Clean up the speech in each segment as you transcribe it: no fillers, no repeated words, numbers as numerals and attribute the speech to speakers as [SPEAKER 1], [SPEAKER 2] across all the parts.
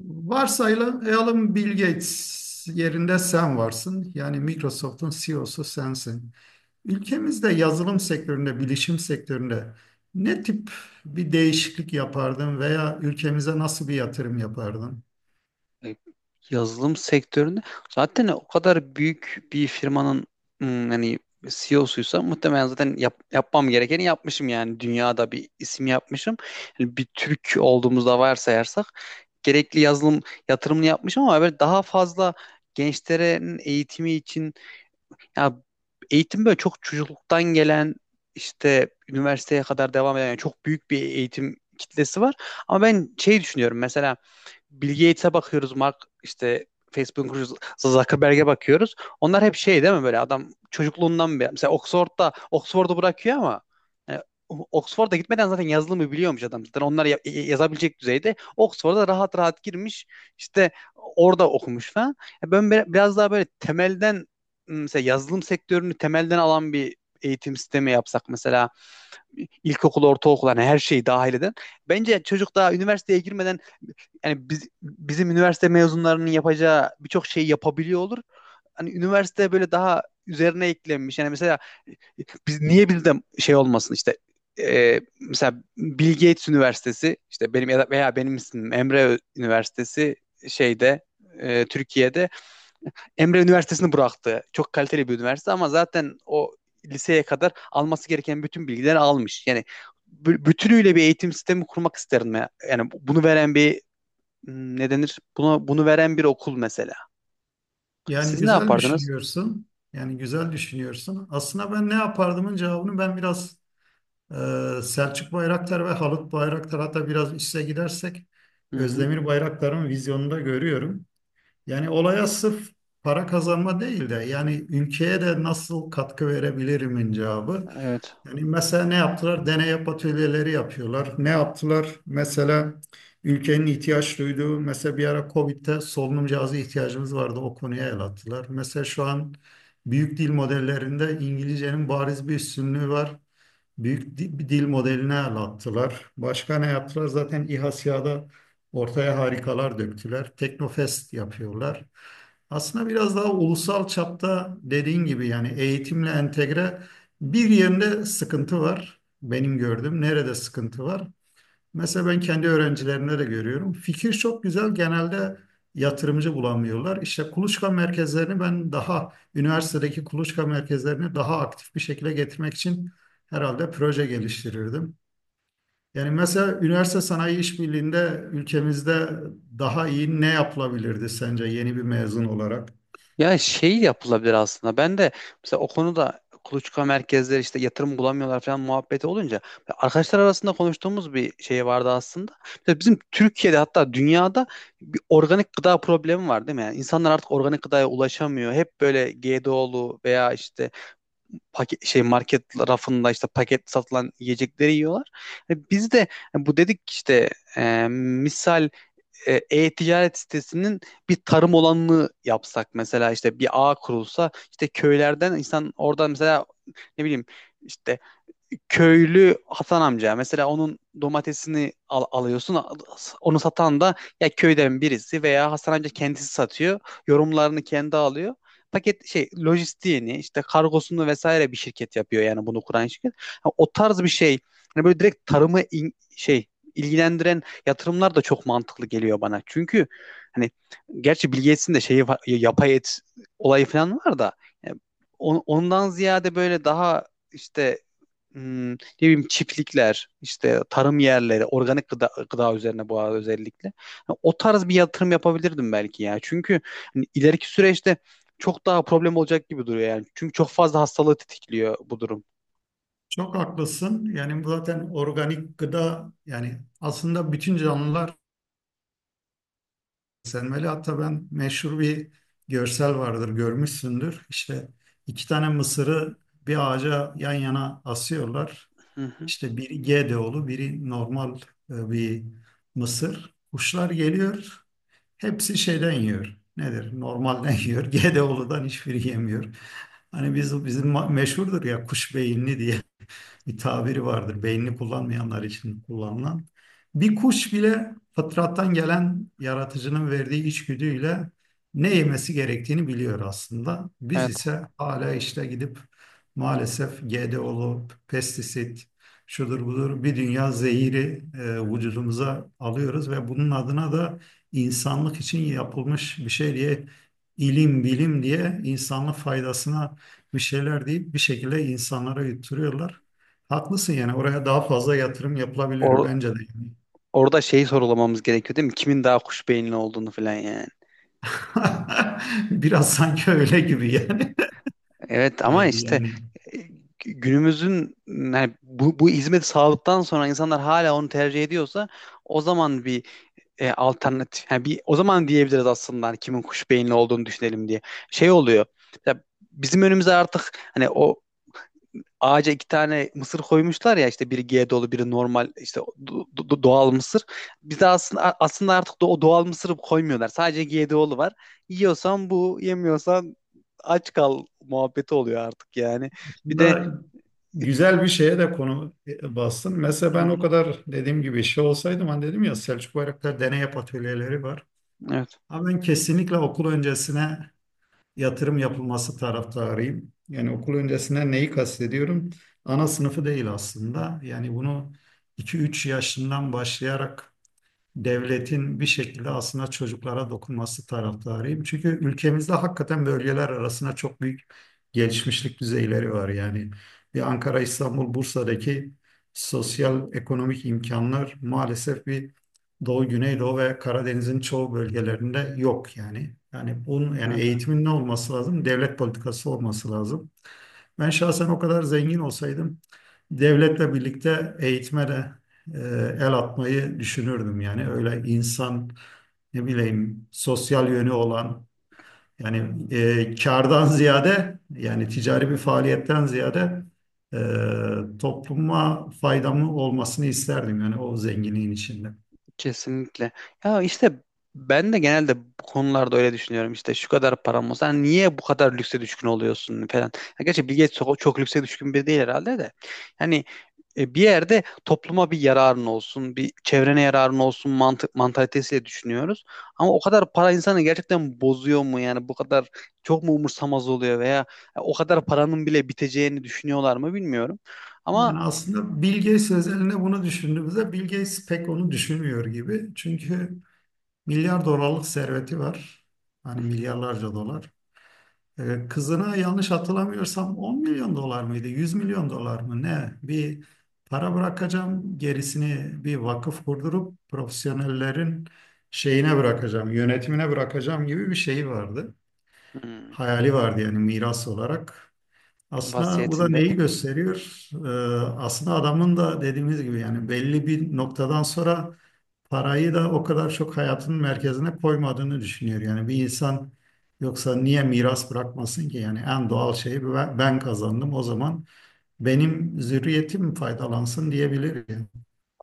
[SPEAKER 1] Varsayalım Bill Gates yerinde sen varsın. Yani Microsoft'un CEO'su sensin. Ülkemizde yazılım sektöründe, bilişim sektöründe ne tip bir değişiklik yapardın veya ülkemize nasıl bir yatırım yapardın?
[SPEAKER 2] e, Yazılım sektöründe zaten o kadar büyük bir firmanın hani CEO'suysa muhtemelen zaten yapmam gerekeni yapmışım yani dünyada bir isim yapmışım. Yani bir Türk olduğumuzda varsayarsak gerekli yazılım yatırımını yapmışım, ama böyle daha fazla gençlerin eğitimi için ya, eğitim böyle çok çocukluktan gelen işte üniversiteye kadar devam eden yani çok büyük bir eğitim kitlesi var. Ama ben şey düşünüyorum, mesela Bill Gates'e bakıyoruz, Mark işte Facebook'un kurucusu Zuckerberg'e bakıyoruz. Onlar hep şey değil mi, böyle adam çocukluğundan beri. Mesela Oxford'da Oxford'u bırakıyor ama yani Oxford'a gitmeden zaten yazılımı biliyormuş adam. Zaten onlar yazabilecek düzeyde. Oxford'a rahat rahat girmiş. İşte orada okumuş falan. Ya ben biraz daha böyle temelden, mesela yazılım sektörünü temelden alan bir eğitim sistemi yapsak mesela ilkokul, ortaokul, hani her şeyi dahil eden. Bence çocuk daha üniversiteye girmeden, yani bizim üniversite mezunlarının yapacağı birçok şeyi yapabiliyor olur. Hani üniversite böyle daha üzerine eklenmiş. Yani mesela biz niye bir de şey olmasın işte, mesela Bill Gates Üniversitesi, işte benim ya da veya benim ismim Emre Üniversitesi, şeyde, Türkiye'de Emre Üniversitesi'ni bıraktı. Çok kaliteli bir üniversite ama zaten o liseye kadar alması gereken bütün bilgileri almış. Yani bütünüyle bir eğitim sistemi kurmak isterim ya. Yani bunu veren bir, ne denir? Bunu veren bir okul mesela.
[SPEAKER 1] Yani
[SPEAKER 2] Siz ne
[SPEAKER 1] güzel
[SPEAKER 2] yapardınız?
[SPEAKER 1] düşünüyorsun. Yani güzel düşünüyorsun. Aslında ben ne yapardımın cevabını ben biraz e, Selçuk Bayraktar ve Halit Bayraktar hatta biraz üste gidersek
[SPEAKER 2] Hı hı,
[SPEAKER 1] Özdemir Bayraktar'ın vizyonunda görüyorum. Yani olaya sırf para kazanma değil de yani ülkeye de nasıl katkı verebilirimin cevabı.
[SPEAKER 2] evet.
[SPEAKER 1] Yani mesela ne yaptılar? Deney atölyeleri yapıyorlar. Ne yaptılar? Mesela ülkenin ihtiyaç duyduğu, mesela bir ara Covid'de solunum cihazı ihtiyacımız vardı. O konuya el attılar. Mesela şu an büyük dil modellerinde İngilizcenin bariz bir üstünlüğü var. Bir dil modeline el attılar. Başka ne yaptılar? Zaten İHA SİHA'da ortaya harikalar döktüler. Teknofest yapıyorlar. Aslında biraz daha ulusal çapta dediğin gibi yani eğitimle entegre bir yerinde sıkıntı var. Benim gördüğüm nerede sıkıntı var? Mesela ben kendi öğrencilerimde de görüyorum. Fikir çok güzel. Genelde yatırımcı bulamıyorlar. İşte kuluçka merkezlerini ben daha üniversitedeki kuluçka merkezlerini daha aktif bir şekilde getirmek için herhalde proje geliştirirdim. Yani mesela üniversite sanayi işbirliğinde ülkemizde daha iyi ne yapılabilirdi sence yeni bir mezun olarak?
[SPEAKER 2] Ya şey yapılabilir aslında. Ben de mesela o konuda kuluçka merkezleri işte yatırım bulamıyorlar falan muhabbeti olunca arkadaşlar arasında konuştuğumuz bir şey vardı aslında. Mesela bizim Türkiye'de, hatta dünyada bir organik gıda problemi var değil mi? Yani insanlar artık organik gıdaya ulaşamıyor. Hep böyle GDO'lu veya işte paket şey market rafında işte paket satılan yiyecekleri yiyorlar. E biz de e bu dedik işte, misal, e-ticaret sitesinin bir tarım olanını yapsak mesela, işte bir ağ kurulsa, işte köylerden insan oradan mesela ne bileyim işte köylü Hasan amca, mesela onun domatesini alıyorsun, onu satan da ya köyden birisi veya Hasan amca kendisi satıyor, yorumlarını kendi alıyor, paket şey lojistiğini işte kargosunu vesaire bir şirket yapıyor, yani bunu kuran şirket. Ha, o tarz bir şey, hani böyle direkt tarımı şey ilgilendiren yatırımlar da çok mantıklı geliyor bana, çünkü hani gerçi Bill Gates'in de şeyi var, yapay et olayı falan var da, yani ondan ziyade böyle daha işte, ne bileyim çiftlikler, işte tarım yerleri, organik gıda, gıda üzerine bu arada özellikle. Ha, o tarz bir yatırım yapabilirdim belki ya. Çünkü hani ileriki süreçte çok daha problem olacak gibi duruyor yani. Çünkü çok fazla hastalığı tetikliyor bu durum.
[SPEAKER 1] Çok haklısın. Yani bu zaten organik gıda yani aslında bütün canlılar Selmeli. Hatta ben meşhur bir görsel vardır görmüşsündür. İşte iki tane mısırı bir ağaca yan yana asıyorlar.
[SPEAKER 2] Hı hı.
[SPEAKER 1] İşte biri G D olu biri normal bir mısır. Kuşlar geliyor hepsi şeyden yiyor. Nedir? Normalden yiyor. GDO'ludan hiçbiri yemiyor. Hani bizim meşhurdur ya kuş beyinli diye bir tabiri vardır. Beynini kullanmayanlar için kullanılan. Bir kuş bile fıtrattan gelen yaratıcının verdiği içgüdüyle ne yemesi gerektiğini biliyor aslında. Biz
[SPEAKER 2] Evet.
[SPEAKER 1] ise hala işte gidip maalesef GDO'lu pestisit, şudur budur bir dünya zehiri vücudumuza alıyoruz ve bunun adına da insanlık için yapılmış bir şey diye ilim bilim diye insanlık faydasına bir şeyler deyip bir şekilde insanlara yutturuyorlar. Haklısın yani oraya daha fazla yatırım yapılabilir
[SPEAKER 2] Or-
[SPEAKER 1] bence de, yani.
[SPEAKER 2] Orada şeyi sorulamamız gerekiyor değil mi? Kimin daha kuş beyinli olduğunu falan yani.
[SPEAKER 1] Biraz sanki öyle gibi yani.
[SPEAKER 2] Evet,
[SPEAKER 1] Ee,
[SPEAKER 2] ama işte
[SPEAKER 1] yani
[SPEAKER 2] e, günümüzün yani bu hizmeti sağladıktan sonra insanlar hala onu tercih ediyorsa, o zaman bir alternatif, yani bir o zaman diyebiliriz aslında hani kimin kuş beyinli olduğunu düşünelim diye. Şey oluyor. Ya bizim önümüze artık hani o ağaca iki tane mısır koymuşlar ya, işte biri G dolu biri normal, işte doğal mısır. Bizde aslında aslında artık da o doğal mısırı koymuyorlar. Sadece G dolu var. Yiyorsan bu, yemiyorsan aç kal muhabbeti oluyor artık yani. Bir de,
[SPEAKER 1] aslında güzel bir şeye de konu bastın. Mesela ben o
[SPEAKER 2] hı,
[SPEAKER 1] kadar dediğim gibi şey olsaydım hani dedim ya Selçuk Bayraktar deney yap atölyeleri var.
[SPEAKER 2] evet.
[SPEAKER 1] Ama ben kesinlikle okul öncesine yatırım yapılması taraftarıyım. Yani okul öncesine neyi kastediyorum? Ana sınıfı değil aslında. Yani bunu iki üç yaşından başlayarak devletin bir şekilde aslında çocuklara dokunması taraftarıyım. Çünkü ülkemizde hakikaten bölgeler arasında çok büyük gelişmişlik düzeyleri var. Yani bir Ankara, İstanbul, Bursa'daki sosyal ekonomik imkanlar maalesef bir Doğu, Güneydoğu ve Karadeniz'in çoğu bölgelerinde yok yani. Yani bunun
[SPEAKER 2] Hı
[SPEAKER 1] yani
[SPEAKER 2] hı.
[SPEAKER 1] eğitimin ne olması lazım? Devlet politikası olması lazım. Ben şahsen o kadar zengin olsaydım devletle birlikte eğitime de e, el atmayı düşünürdüm. Yani öyle insan ne bileyim sosyal yönü olan yani kardan ziyade yani ticari bir faaliyetten ziyade topluma faydamı olmasını isterdim yani o zenginliğin içinde.
[SPEAKER 2] Kesinlikle. Ya işte ben de genelde bu konularda öyle düşünüyorum. İşte şu kadar param olsa hani niye bu kadar lükse düşkün oluyorsun falan. Ya gerçi Bill Gates çok, çok lükse düşkün biri değil herhalde de. Yani bir yerde topluma bir yararın olsun, bir çevrene yararın olsun mantık mantalitesiyle düşünüyoruz. Ama o kadar para insanı gerçekten bozuyor mu, yani bu kadar çok mu umursamaz oluyor, veya o kadar paranın bile biteceğini düşünüyorlar mı bilmiyorum. Ama
[SPEAKER 1] Yani aslında Bill Gates özelinde bunu düşündüğümüzde Bill Gates pek onu düşünmüyor gibi. Çünkü milyar dolarlık serveti var. Hani milyarlarca dolar. Kızına yanlış hatırlamıyorsam 10 milyon dolar mıydı? 100 milyon dolar mı? Ne? Bir para bırakacağım. Gerisini bir vakıf kurdurup profesyonellerin şeyine bırakacağım, yönetimine bırakacağım gibi bir şey vardı.
[SPEAKER 2] hmm,
[SPEAKER 1] Hayali vardı yani miras olarak. Aslında bu da
[SPEAKER 2] vasiyetinde.
[SPEAKER 1] neyi gösteriyor? Aslında adamın da dediğimiz gibi yani belli bir noktadan sonra parayı da o kadar çok hayatının merkezine koymadığını düşünüyor. Yani bir insan yoksa niye miras bırakmasın ki? Yani en doğal şeyi ben kazandım o zaman benim zürriyetim faydalansın diyebilir, yani.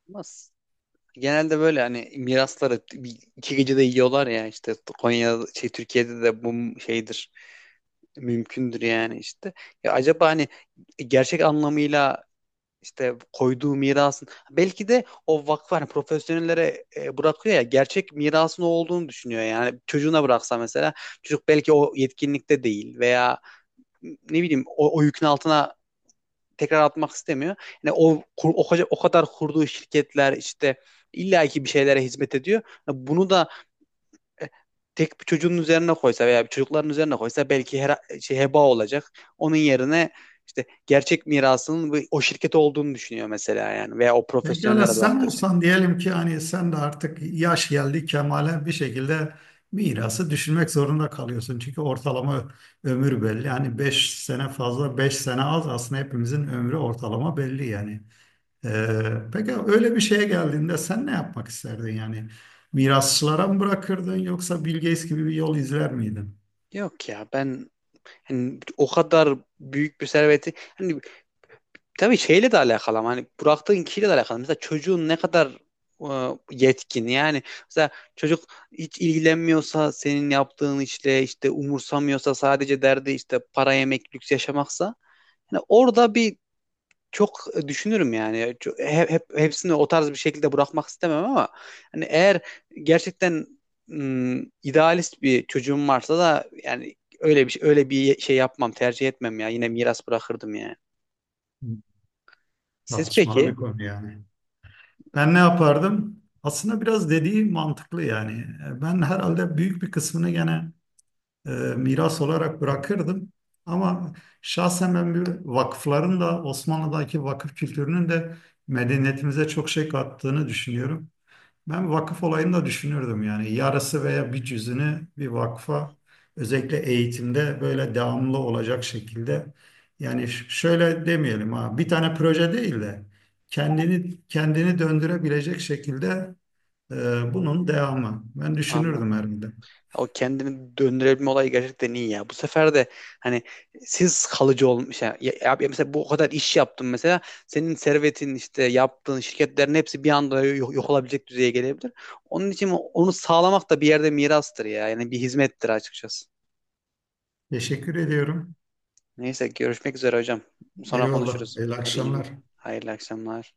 [SPEAKER 2] Nasıl? Genelde böyle hani mirasları iki gecede yiyorlar ya, işte Konya şey Türkiye'de de bu şeydir, mümkündür yani işte. Ya acaba hani gerçek anlamıyla işte koyduğu mirasın belki de o vakfı hani profesyonellere bırakıyor ya, gerçek mirasın o olduğunu düşünüyor, yani çocuğuna bıraksa mesela çocuk belki o yetkinlikte değil, veya ne bileyim o yükün altına tekrar atmak istemiyor. Yani o, o kadar kurduğu şirketler işte illaki bir şeylere hizmet ediyor. Yani bunu da e, tek bir çocuğun üzerine koysa veya bir çocukların üzerine koysa belki her şey heba olacak. Onun yerine işte gerçek mirasının o şirket olduğunu düşünüyor mesela, yani veya o
[SPEAKER 1] Pekala
[SPEAKER 2] profesyonellere
[SPEAKER 1] sen
[SPEAKER 2] bıraktığı şey.
[SPEAKER 1] olsan diyelim ki hani sen de artık yaş geldi kemale bir şekilde mirası düşünmek zorunda kalıyorsun. Çünkü ortalama ömür belli. Yani 5 sene fazla 5 sene az aslında hepimizin ömrü ortalama belli yani. Peki öyle bir şeye geldiğinde sen ne yapmak isterdin yani? Mirasçılara mı bırakırdın yoksa Bill Gates gibi bir yol izler miydin?
[SPEAKER 2] Yok ya, ben hani o kadar büyük bir serveti hani, tabii şeyle de alakalı ama hani bıraktığın kişiyle de alakalı. Mesela çocuğun ne kadar e, yetkin, yani mesela çocuk hiç ilgilenmiyorsa senin yaptığın işle, işte umursamıyorsa, sadece derdi işte para yemek lüks yaşamaksa, yani orada bir çok düşünürüm yani. Hep hepsini o tarz bir şekilde bırakmak istemem, ama hani eğer gerçekten idealist bir çocuğum varsa da yani öyle bir şey yapmam, tercih etmem ya, yine miras bırakırdım yani. Siz
[SPEAKER 1] Tartışmalı
[SPEAKER 2] peki?
[SPEAKER 1] bir konu yani. Ben ne yapardım? Aslında biraz dediği mantıklı yani. Ben herhalde büyük bir kısmını gene e, miras olarak bırakırdım. Ama şahsen ben bir vakıfların da Osmanlı'daki vakıf kültürünün de medeniyetimize çok şey kattığını düşünüyorum. Ben vakıf olayını da düşünürdüm yani yarısı veya bir cüzünü bir vakfa özellikle eğitimde böyle devamlı olacak şekilde yani şöyle demeyelim ha bir tane proje değil de kendini döndürebilecek şekilde bunun devamı. Ben düşünürdüm
[SPEAKER 2] Anladım.
[SPEAKER 1] herhalde.
[SPEAKER 2] O kendini döndürebilme olayı gerçekten iyi ya. Bu sefer de hani siz kalıcı olmuş. Yani ya, ya mesela bu o kadar iş yaptın mesela. Senin servetin işte yaptığın şirketlerin hepsi bir anda yok olabilecek düzeye gelebilir. Onun için onu sağlamak da bir yerde mirastır ya. Yani bir hizmettir açıkçası.
[SPEAKER 1] Teşekkür ediyorum.
[SPEAKER 2] Neyse görüşmek üzere hocam. Sonra
[SPEAKER 1] Eyvallah.
[SPEAKER 2] konuşuruz.
[SPEAKER 1] Hayırlı
[SPEAKER 2] Hadi iyi gün.
[SPEAKER 1] akşamlar.
[SPEAKER 2] Hayırlı akşamlar.